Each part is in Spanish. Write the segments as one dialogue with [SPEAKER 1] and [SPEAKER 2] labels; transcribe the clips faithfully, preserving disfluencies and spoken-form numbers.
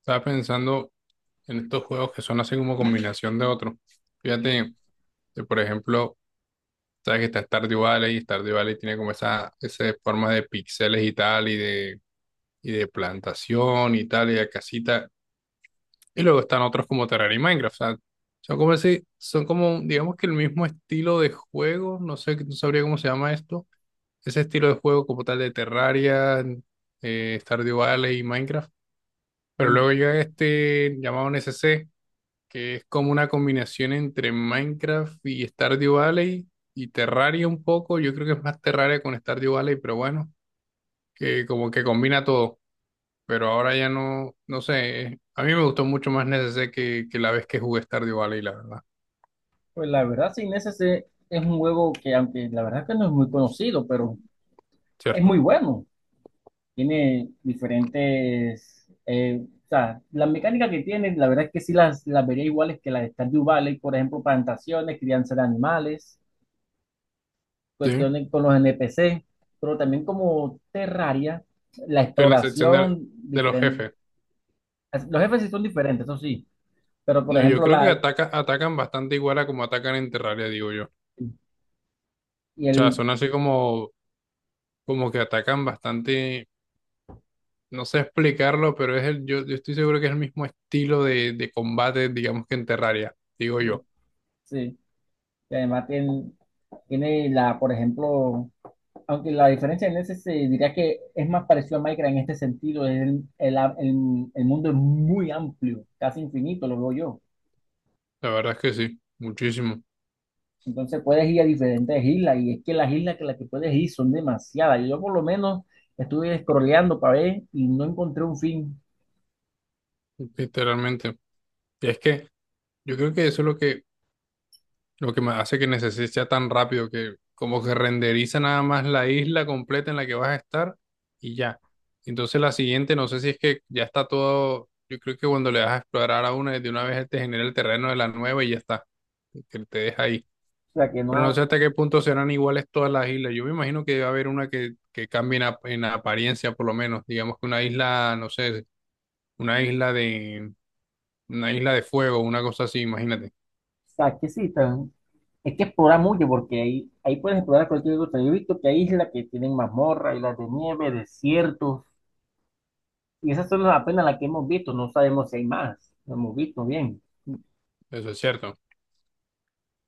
[SPEAKER 1] Estaba pensando en estos juegos que son así como combinación de otros.
[SPEAKER 2] Y,
[SPEAKER 1] Fíjate, que, por ejemplo, sabes que está Stardew Valley y Stardew Valley tiene como esa, esa forma de píxeles y tal, y de, y de plantación y tal, y de casita. Y luego están otros como Terraria y Minecraft. O sea, son como así, son como, digamos que el mismo estilo de juego, no sé, no sabría cómo se llama esto. Ese estilo de juego como tal de Terraria, eh, Stardew Valley y Minecraft. Pero
[SPEAKER 2] mm,
[SPEAKER 1] luego llega este llamado N C C que es como una combinación entre Minecraft y Stardew Valley y Terraria un poco. Yo creo que es más Terraria con Stardew Valley, pero bueno, que como que combina todo. Pero ahora ya no, no sé, a mí me gustó mucho más N S C que, que la vez que jugué Stardew Valley, la verdad,
[SPEAKER 2] Pues la verdad, sí, Inés, ese se- es un juego que, aunque la verdad que no es muy conocido, pero es
[SPEAKER 1] ¿cierto?
[SPEAKER 2] muy bueno. Tiene diferentes, eh, o sea, las mecánicas que tiene, la verdad es que sí las, las vería iguales que las de Stardew Valley, por ejemplo, plantaciones, crianza de animales,
[SPEAKER 1] Sí. Estoy
[SPEAKER 2] cuestiones con los N P C, pero también como Terraria, la
[SPEAKER 1] en la sección de,
[SPEAKER 2] exploración,
[SPEAKER 1] de los
[SPEAKER 2] diferente.
[SPEAKER 1] jefes.
[SPEAKER 2] Los jefes sí son diferentes, eso sí, pero por
[SPEAKER 1] No, yo
[SPEAKER 2] ejemplo,
[SPEAKER 1] creo que
[SPEAKER 2] la,
[SPEAKER 1] ataca, atacan bastante igual a como atacan en Terraria, digo yo. O
[SPEAKER 2] y
[SPEAKER 1] sea,
[SPEAKER 2] el,
[SPEAKER 1] son así como, como que atacan bastante, no sé explicarlo, pero es el, yo, yo estoy seguro que es el mismo estilo de, de combate, digamos que en Terraria, digo yo.
[SPEAKER 2] sí. Y además tiene, tiene la, por ejemplo, aunque la diferencia en ese se diría que es más parecido a Minecraft en este sentido, es el, el, el- el mundo es muy amplio, casi infinito, lo veo yo.
[SPEAKER 1] La verdad es que sí, muchísimo,
[SPEAKER 2] Entonces puedes ir a diferentes islas y es que las islas que las que puedes ir son demasiadas. Yo por lo menos estuve scrolleando para ver y no encontré un fin.
[SPEAKER 1] literalmente. Y es que yo creo que eso es lo que, lo que me hace que necesite sea tan rápido, que como que renderiza nada más la isla completa en la que vas a estar y ya. Entonces la siguiente, no sé si es que ya está todo, yo creo que cuando le das a explorar a una, de una vez te genera el terreno de la nueva y ya está, que te deja ahí.
[SPEAKER 2] O sea que no,
[SPEAKER 1] Pero no sé
[SPEAKER 2] o
[SPEAKER 1] hasta qué punto serán iguales todas las islas. Yo me imagino que va a haber una que, que cambie en, ap- en apariencia, por lo menos. Digamos que una isla, no sé, una isla de, una isla de fuego, una cosa así, imagínate.
[SPEAKER 2] sea que sí, tan- es que explorar mucho porque ahí, ahí puedes explorar cualquier cosa. Yo he visto que hay islas que tienen mazmorra, islas de nieve, desiertos. Y esa solo es apenas la que hemos visto, no sabemos si hay más, no hemos visto bien.
[SPEAKER 1] Eso es cierto.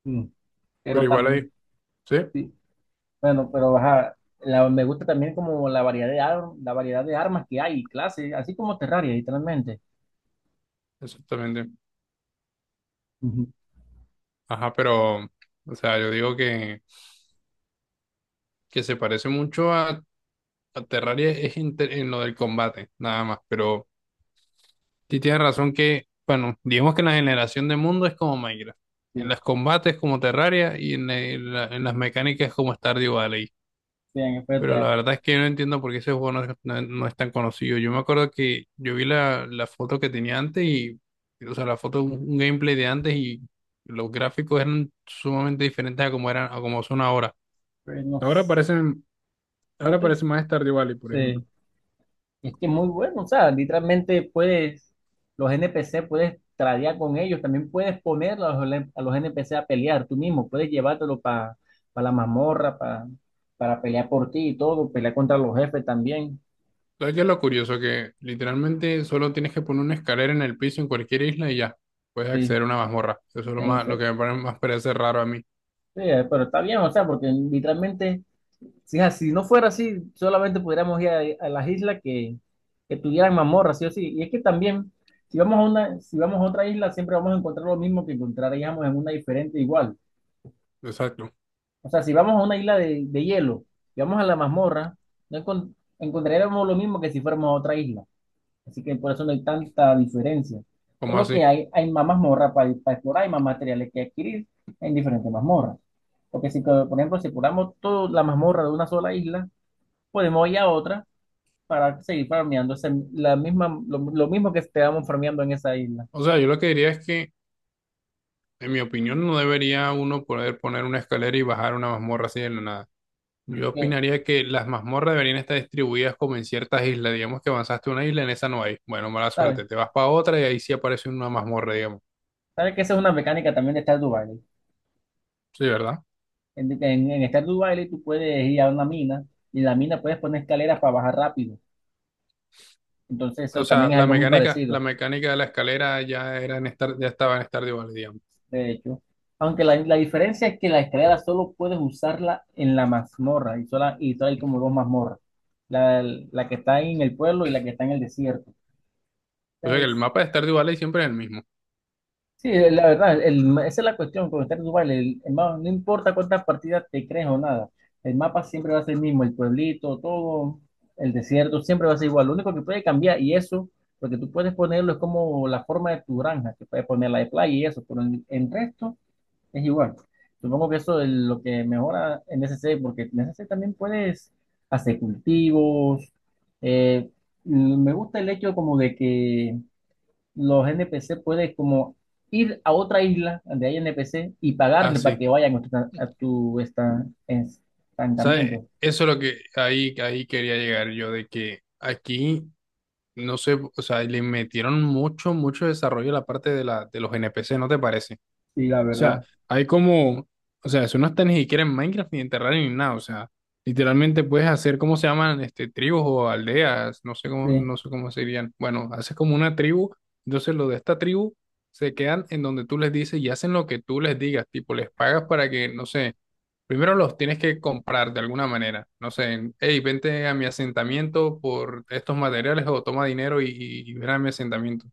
[SPEAKER 2] Mm.
[SPEAKER 1] Pero
[SPEAKER 2] Pero
[SPEAKER 1] igual hay,
[SPEAKER 2] también,
[SPEAKER 1] sí,
[SPEAKER 2] sí, bueno, pero ajá, la- me gusta también como la variedad de, ar- la variedad de armas que hay, y clases, así como Terraria, literalmente.
[SPEAKER 1] exactamente.
[SPEAKER 2] Ujú.
[SPEAKER 1] Ajá, pero, o sea, yo digo que, que se parece mucho a, a Terraria es en, te- en lo del combate, nada más. Pero sí, tienes razón que, bueno, digamos que la generación de mundo es como Minecraft. En
[SPEAKER 2] Sí,
[SPEAKER 1] los combates como Terraria y en, la- en la- en las mecánicas como Stardew Valley.
[SPEAKER 2] bien, pero,
[SPEAKER 1] Pero la
[SPEAKER 2] te-
[SPEAKER 1] verdad es que yo no entiendo por qué ese juego no es, no- es- no es tan conocido. Yo me acuerdo que yo vi la, la foto que tenía antes y, o sea, la foto, un un gameplay de antes y los gráficos eran sumamente diferentes a como eran, a como son ahora.
[SPEAKER 2] pero no,
[SPEAKER 1] Ahora
[SPEAKER 2] s-
[SPEAKER 1] parecen,
[SPEAKER 2] no
[SPEAKER 1] ahora
[SPEAKER 2] estoy-
[SPEAKER 1] parece más Stardew Valley, por ejemplo.
[SPEAKER 2] sí. Es que muy bueno, o sea, literalmente puedes, los N P C puedes tradear con ellos, también puedes poner a los, a los N P C a pelear tú mismo, puedes llevártelo para la mazmorra, pa- para pelear por ti y todo, pelear contra los jefes también,
[SPEAKER 1] ¿Sabes qué es lo curioso? Que literalmente solo tienes que poner una escalera en el piso en cualquier isla y ya puedes
[SPEAKER 2] sí,
[SPEAKER 1] acceder a una mazmorra. Eso es lo
[SPEAKER 2] en
[SPEAKER 1] más, lo que
[SPEAKER 2] efecto.
[SPEAKER 1] me pare- más parece raro a mí.
[SPEAKER 2] Sí, eh, pero está bien, o sea, porque literalmente, si, es- si no fuera así, solamente pudiéramos ir a, a las islas que, que tuvieran mazmorra, sí o sí, y es que también, si vamos a una, si vamos a otra isla, siempre vamos a encontrar lo mismo que encontraríamos en una diferente igual.
[SPEAKER 1] Exacto.
[SPEAKER 2] O sea, si vamos a una isla de, de hielo y vamos a la mazmorra, no encon- encontraríamos lo mismo que si fuéramos a otra isla. Así que por eso no hay tanta diferencia.
[SPEAKER 1] ¿Cómo
[SPEAKER 2] Solo que
[SPEAKER 1] así?
[SPEAKER 2] hay, hay más mazmorra para, para explorar, hay más materiales que adquirir en diferentes mazmorras. Porque si, co- por ejemplo, si exploramos toda la mazmorra de una sola isla, podemos ir a otra para seguir farmeando ese- la misma, lo, lo mismo que estábamos farmeando en esa isla.
[SPEAKER 1] O sea, yo lo que diría es que, en mi opinión, no debería uno poder poner una escalera y bajar una mazmorra así de la nada. Yo
[SPEAKER 2] Que,
[SPEAKER 1] opinaría que las mazmorras deberían estar distribuidas como en ciertas islas. Digamos que avanzaste a una isla, en esa no hay. Bueno, mala
[SPEAKER 2] ¿Sabes?
[SPEAKER 1] suerte. Te vas para otra y ahí sí aparece una mazmorra, digamos.
[SPEAKER 2] ¿Sabes que esa es una mecánica también de Stardew Valley?
[SPEAKER 1] Sí, ¿verdad?
[SPEAKER 2] En, en, en Stardew Valley tú puedes ir a una mina y en la mina puedes poner escaleras para bajar rápido. Entonces
[SPEAKER 1] O
[SPEAKER 2] eso
[SPEAKER 1] sea,
[SPEAKER 2] también es
[SPEAKER 1] la
[SPEAKER 2] algo muy
[SPEAKER 1] mecánica, la
[SPEAKER 2] parecido,
[SPEAKER 1] mecánica de la escalera ya era en Star- ya estaba en Stardew Valley, digamos.
[SPEAKER 2] de hecho. Aunque la, la diferencia es que la escalera solo puedes usarla en la mazmorra y, sola, y solo hay como dos mazmorras. La, la que está en el pueblo y la que está en el desierto.
[SPEAKER 1] O sea que el
[SPEAKER 2] Entonces,
[SPEAKER 1] mapa de Stardew Valley siempre es el mismo.
[SPEAKER 2] sí, eh, la verdad, el- esa es la cuestión con estar en Dubái. El, el mapa- no importa cuántas partidas te crees o nada, el mapa siempre va a ser el mismo, el pueblito, todo, el desierto, siempre va a ser igual. Lo único que puede cambiar, y eso, lo que tú puedes ponerlo es como la forma de tu granja, que puedes poner la de playa y eso, pero el, el resto es igual. Supongo que eso es lo que mejora en S C, porque en S C también puedes hacer cultivos. eh, Me gusta el hecho como de que los N P C puedes como ir a otra isla donde hay N P C y pagarle para que
[SPEAKER 1] Así.
[SPEAKER 2] vayan a tu, a tu esta-
[SPEAKER 1] ¿Sabes?
[SPEAKER 2] estancamiento.
[SPEAKER 1] Eso es lo que ahí, ahí quería llegar yo, de que aquí, no sé, o sea, le metieron mucho, mucho desarrollo a la parte de la, de los N P C, ¿no te parece? O
[SPEAKER 2] Sí, la
[SPEAKER 1] sea,
[SPEAKER 2] verdad.
[SPEAKER 1] hay como, o sea, eso no está ni siquiera en Minecraft ni en Terraria ni nada, o sea, literalmente puedes hacer, ¿cómo se llaman? Este, tribus o aldeas, no sé cómo,
[SPEAKER 2] Sí,
[SPEAKER 1] no sé cómo serían. Bueno, haces como una tribu, entonces los de esta tribu se quedan en donde tú les dices y hacen lo que tú les digas, tipo, les pagas para que, no sé, primero los tienes que comprar de alguna manera, no sé, hey, vente a mi asentamiento por estos materiales o toma dinero y, y, y ven a mi asentamiento.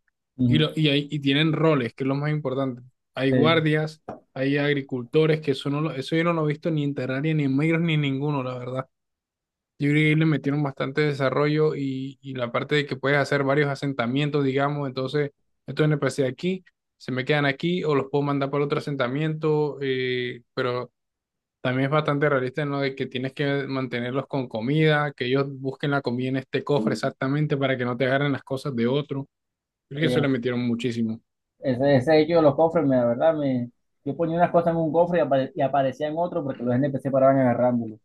[SPEAKER 1] Y,
[SPEAKER 2] ujú,
[SPEAKER 1] lo, y, ahí- y tienen roles, que es lo más importante. Hay
[SPEAKER 2] sí,
[SPEAKER 1] guardias, hay agricultores, que eso, no lo- eso yo no lo he visto ni en Terraria, ni en Micros, ni en ninguno, la verdad. Yo creo que ahí le metieron bastante desarrollo y, y la parte de que puedes hacer varios asentamientos, digamos, entonces estos N P C aquí se me quedan aquí o los puedo mandar para otro asentamiento, eh, pero también es bastante realista en lo de que tienes que mantenerlos con comida, que ellos busquen la comida en este cofre exactamente para que no te agarren las cosas de otro. Creo que eso le
[SPEAKER 2] sí.
[SPEAKER 1] metieron muchísimo.
[SPEAKER 2] Ese, ese hecho de los cofres, me, la verdad, me, yo ponía unas cosas en un cofre y, apare- y aparecían otros porque los N P C paraban agarrándolo.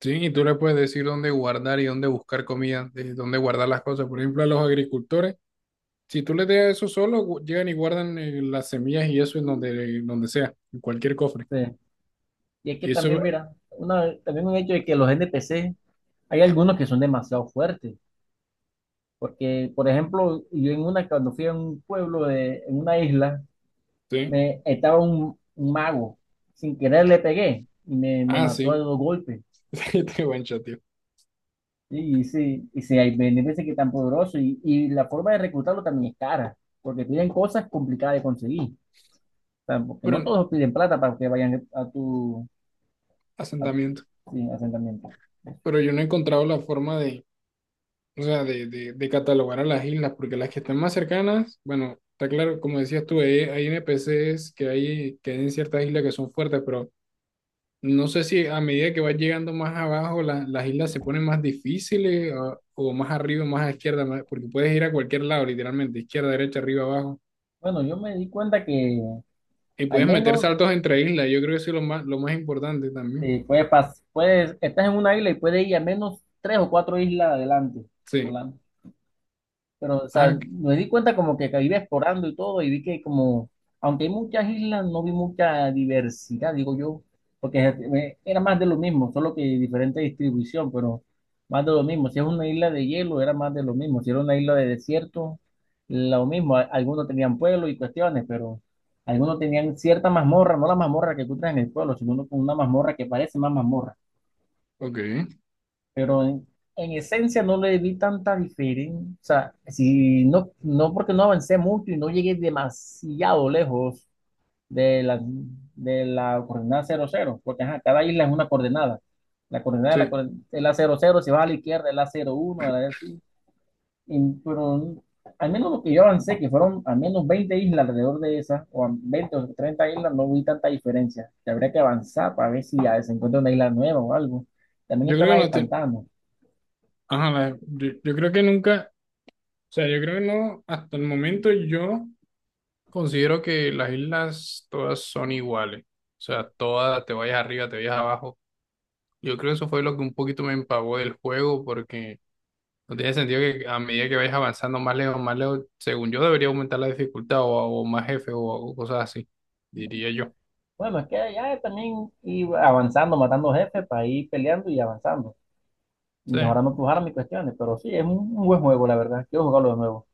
[SPEAKER 1] Sí, y tú le puedes decir dónde guardar y dónde buscar comida, de dónde guardar las cosas. Por ejemplo, a los agricultores, si tú les dejas eso solo, gu- llegan y guardan eh, las semillas y eso en donde, donde sea, en cualquier cofre.
[SPEAKER 2] Sí. Y es que también,
[SPEAKER 1] Eso,
[SPEAKER 2] mira, una, también un hecho de que los N P C, hay algunos que son demasiado fuertes. Porque, por ejemplo, yo en una, cuando fui a un pueblo, de, en una isla,
[SPEAKER 1] sí.
[SPEAKER 2] me estaba un, un mago, sin querer le pegué y me, me
[SPEAKER 1] Ah,
[SPEAKER 2] mató a
[SPEAKER 1] sí.
[SPEAKER 2] dos golpes.
[SPEAKER 1] sí, te buen tío.
[SPEAKER 2] Y sí, y sí, hay beneficios que es tan poderoso y, y la forma de reclutarlo también es cara, porque piden cosas complicadas de conseguir, o sea, porque no
[SPEAKER 1] Pero,
[SPEAKER 2] todos piden plata para que vayan a tu a-
[SPEAKER 1] asentamiento.
[SPEAKER 2] sí, asentamiento.
[SPEAKER 1] Pero yo no he encontrado la forma de, o sea, de, de, de catalogar a las islas, porque las que están más cercanas, bueno, está claro, como decías tú, eh, hay N P Cs que hay, que hay en ciertas islas que son fuertes, pero no sé si a medida que vas llegando más abajo, la- las islas se ponen más difíciles o, o más arriba, más a izquierda, más- porque puedes ir a cualquier lado, literalmente, izquierda, derecha, arriba, abajo.
[SPEAKER 2] Bueno, yo me di cuenta que
[SPEAKER 1] Y
[SPEAKER 2] al
[SPEAKER 1] puedes meter
[SPEAKER 2] menos
[SPEAKER 1] saltos entre islas. Yo creo que eso es lo más, lo más importante también.
[SPEAKER 2] eh, puedes, pas- puedes, estás en una isla y puedes ir al menos tres o cuatro islas adelante,
[SPEAKER 1] Sí.
[SPEAKER 2] volando. Pero, o sea,
[SPEAKER 1] Ajá,
[SPEAKER 2] me di cuenta como que, que iba explorando y todo, y vi que como, aunque hay muchas islas, no vi mucha diversidad, digo yo, porque eh, era más de lo mismo, solo que diferente distribución, pero más de lo mismo. Si es una isla de hielo, era más de lo mismo. Si era una isla de desierto, lo mismo. A- Algunos tenían pueblos y cuestiones, pero algunos tenían cierta mazmorra, no la mazmorra que tú traes en el pueblo, sino una una mazmorra que parece más mazmorra.
[SPEAKER 1] ok.
[SPEAKER 2] Pero en, en esencia no le vi tanta diferencia. O sea, si no, no porque no avancé mucho y no llegué demasiado lejos de la, de la coordenada cero cero porque ajá, cada isla es una coordenada. La coordenada de la,
[SPEAKER 1] Sí.
[SPEAKER 2] coor- de la cero cero, si vas a la izquierda, es la cero uno a la así. Y- Pero al menos lo que yo avancé, que fueron al menos veinte islas alrededor de esas, o a veinte o treinta islas, no vi tanta diferencia. Que Habría que avanzar para ver si ya se encuentra una isla nueva o algo. También
[SPEAKER 1] Yo
[SPEAKER 2] está
[SPEAKER 1] creo
[SPEAKER 2] la
[SPEAKER 1] que
[SPEAKER 2] de
[SPEAKER 1] no te...
[SPEAKER 2] pantanos.
[SPEAKER 1] Ajá, la- yo, yo creo que nunca... O sea, yo creo que no, hasta el momento yo considero que las islas todas son iguales. O sea, todas, te vayas arriba, te vayas abajo. Yo creo que eso fue lo que un poquito me empavó del juego, porque no tiene sentido que a medida que vayas avanzando más lejos, más lejos, según yo, debería aumentar la dificultad o, o más jefes o, o cosas así, diría yo.
[SPEAKER 2] Bueno, es que ya también ir avanzando, matando jefes para ir peleando y avanzando,
[SPEAKER 1] Sí.
[SPEAKER 2] mejorando tus armas y cuestiones. Pero sí, es un, un buen juego, la verdad. Quiero jugarlo de nuevo.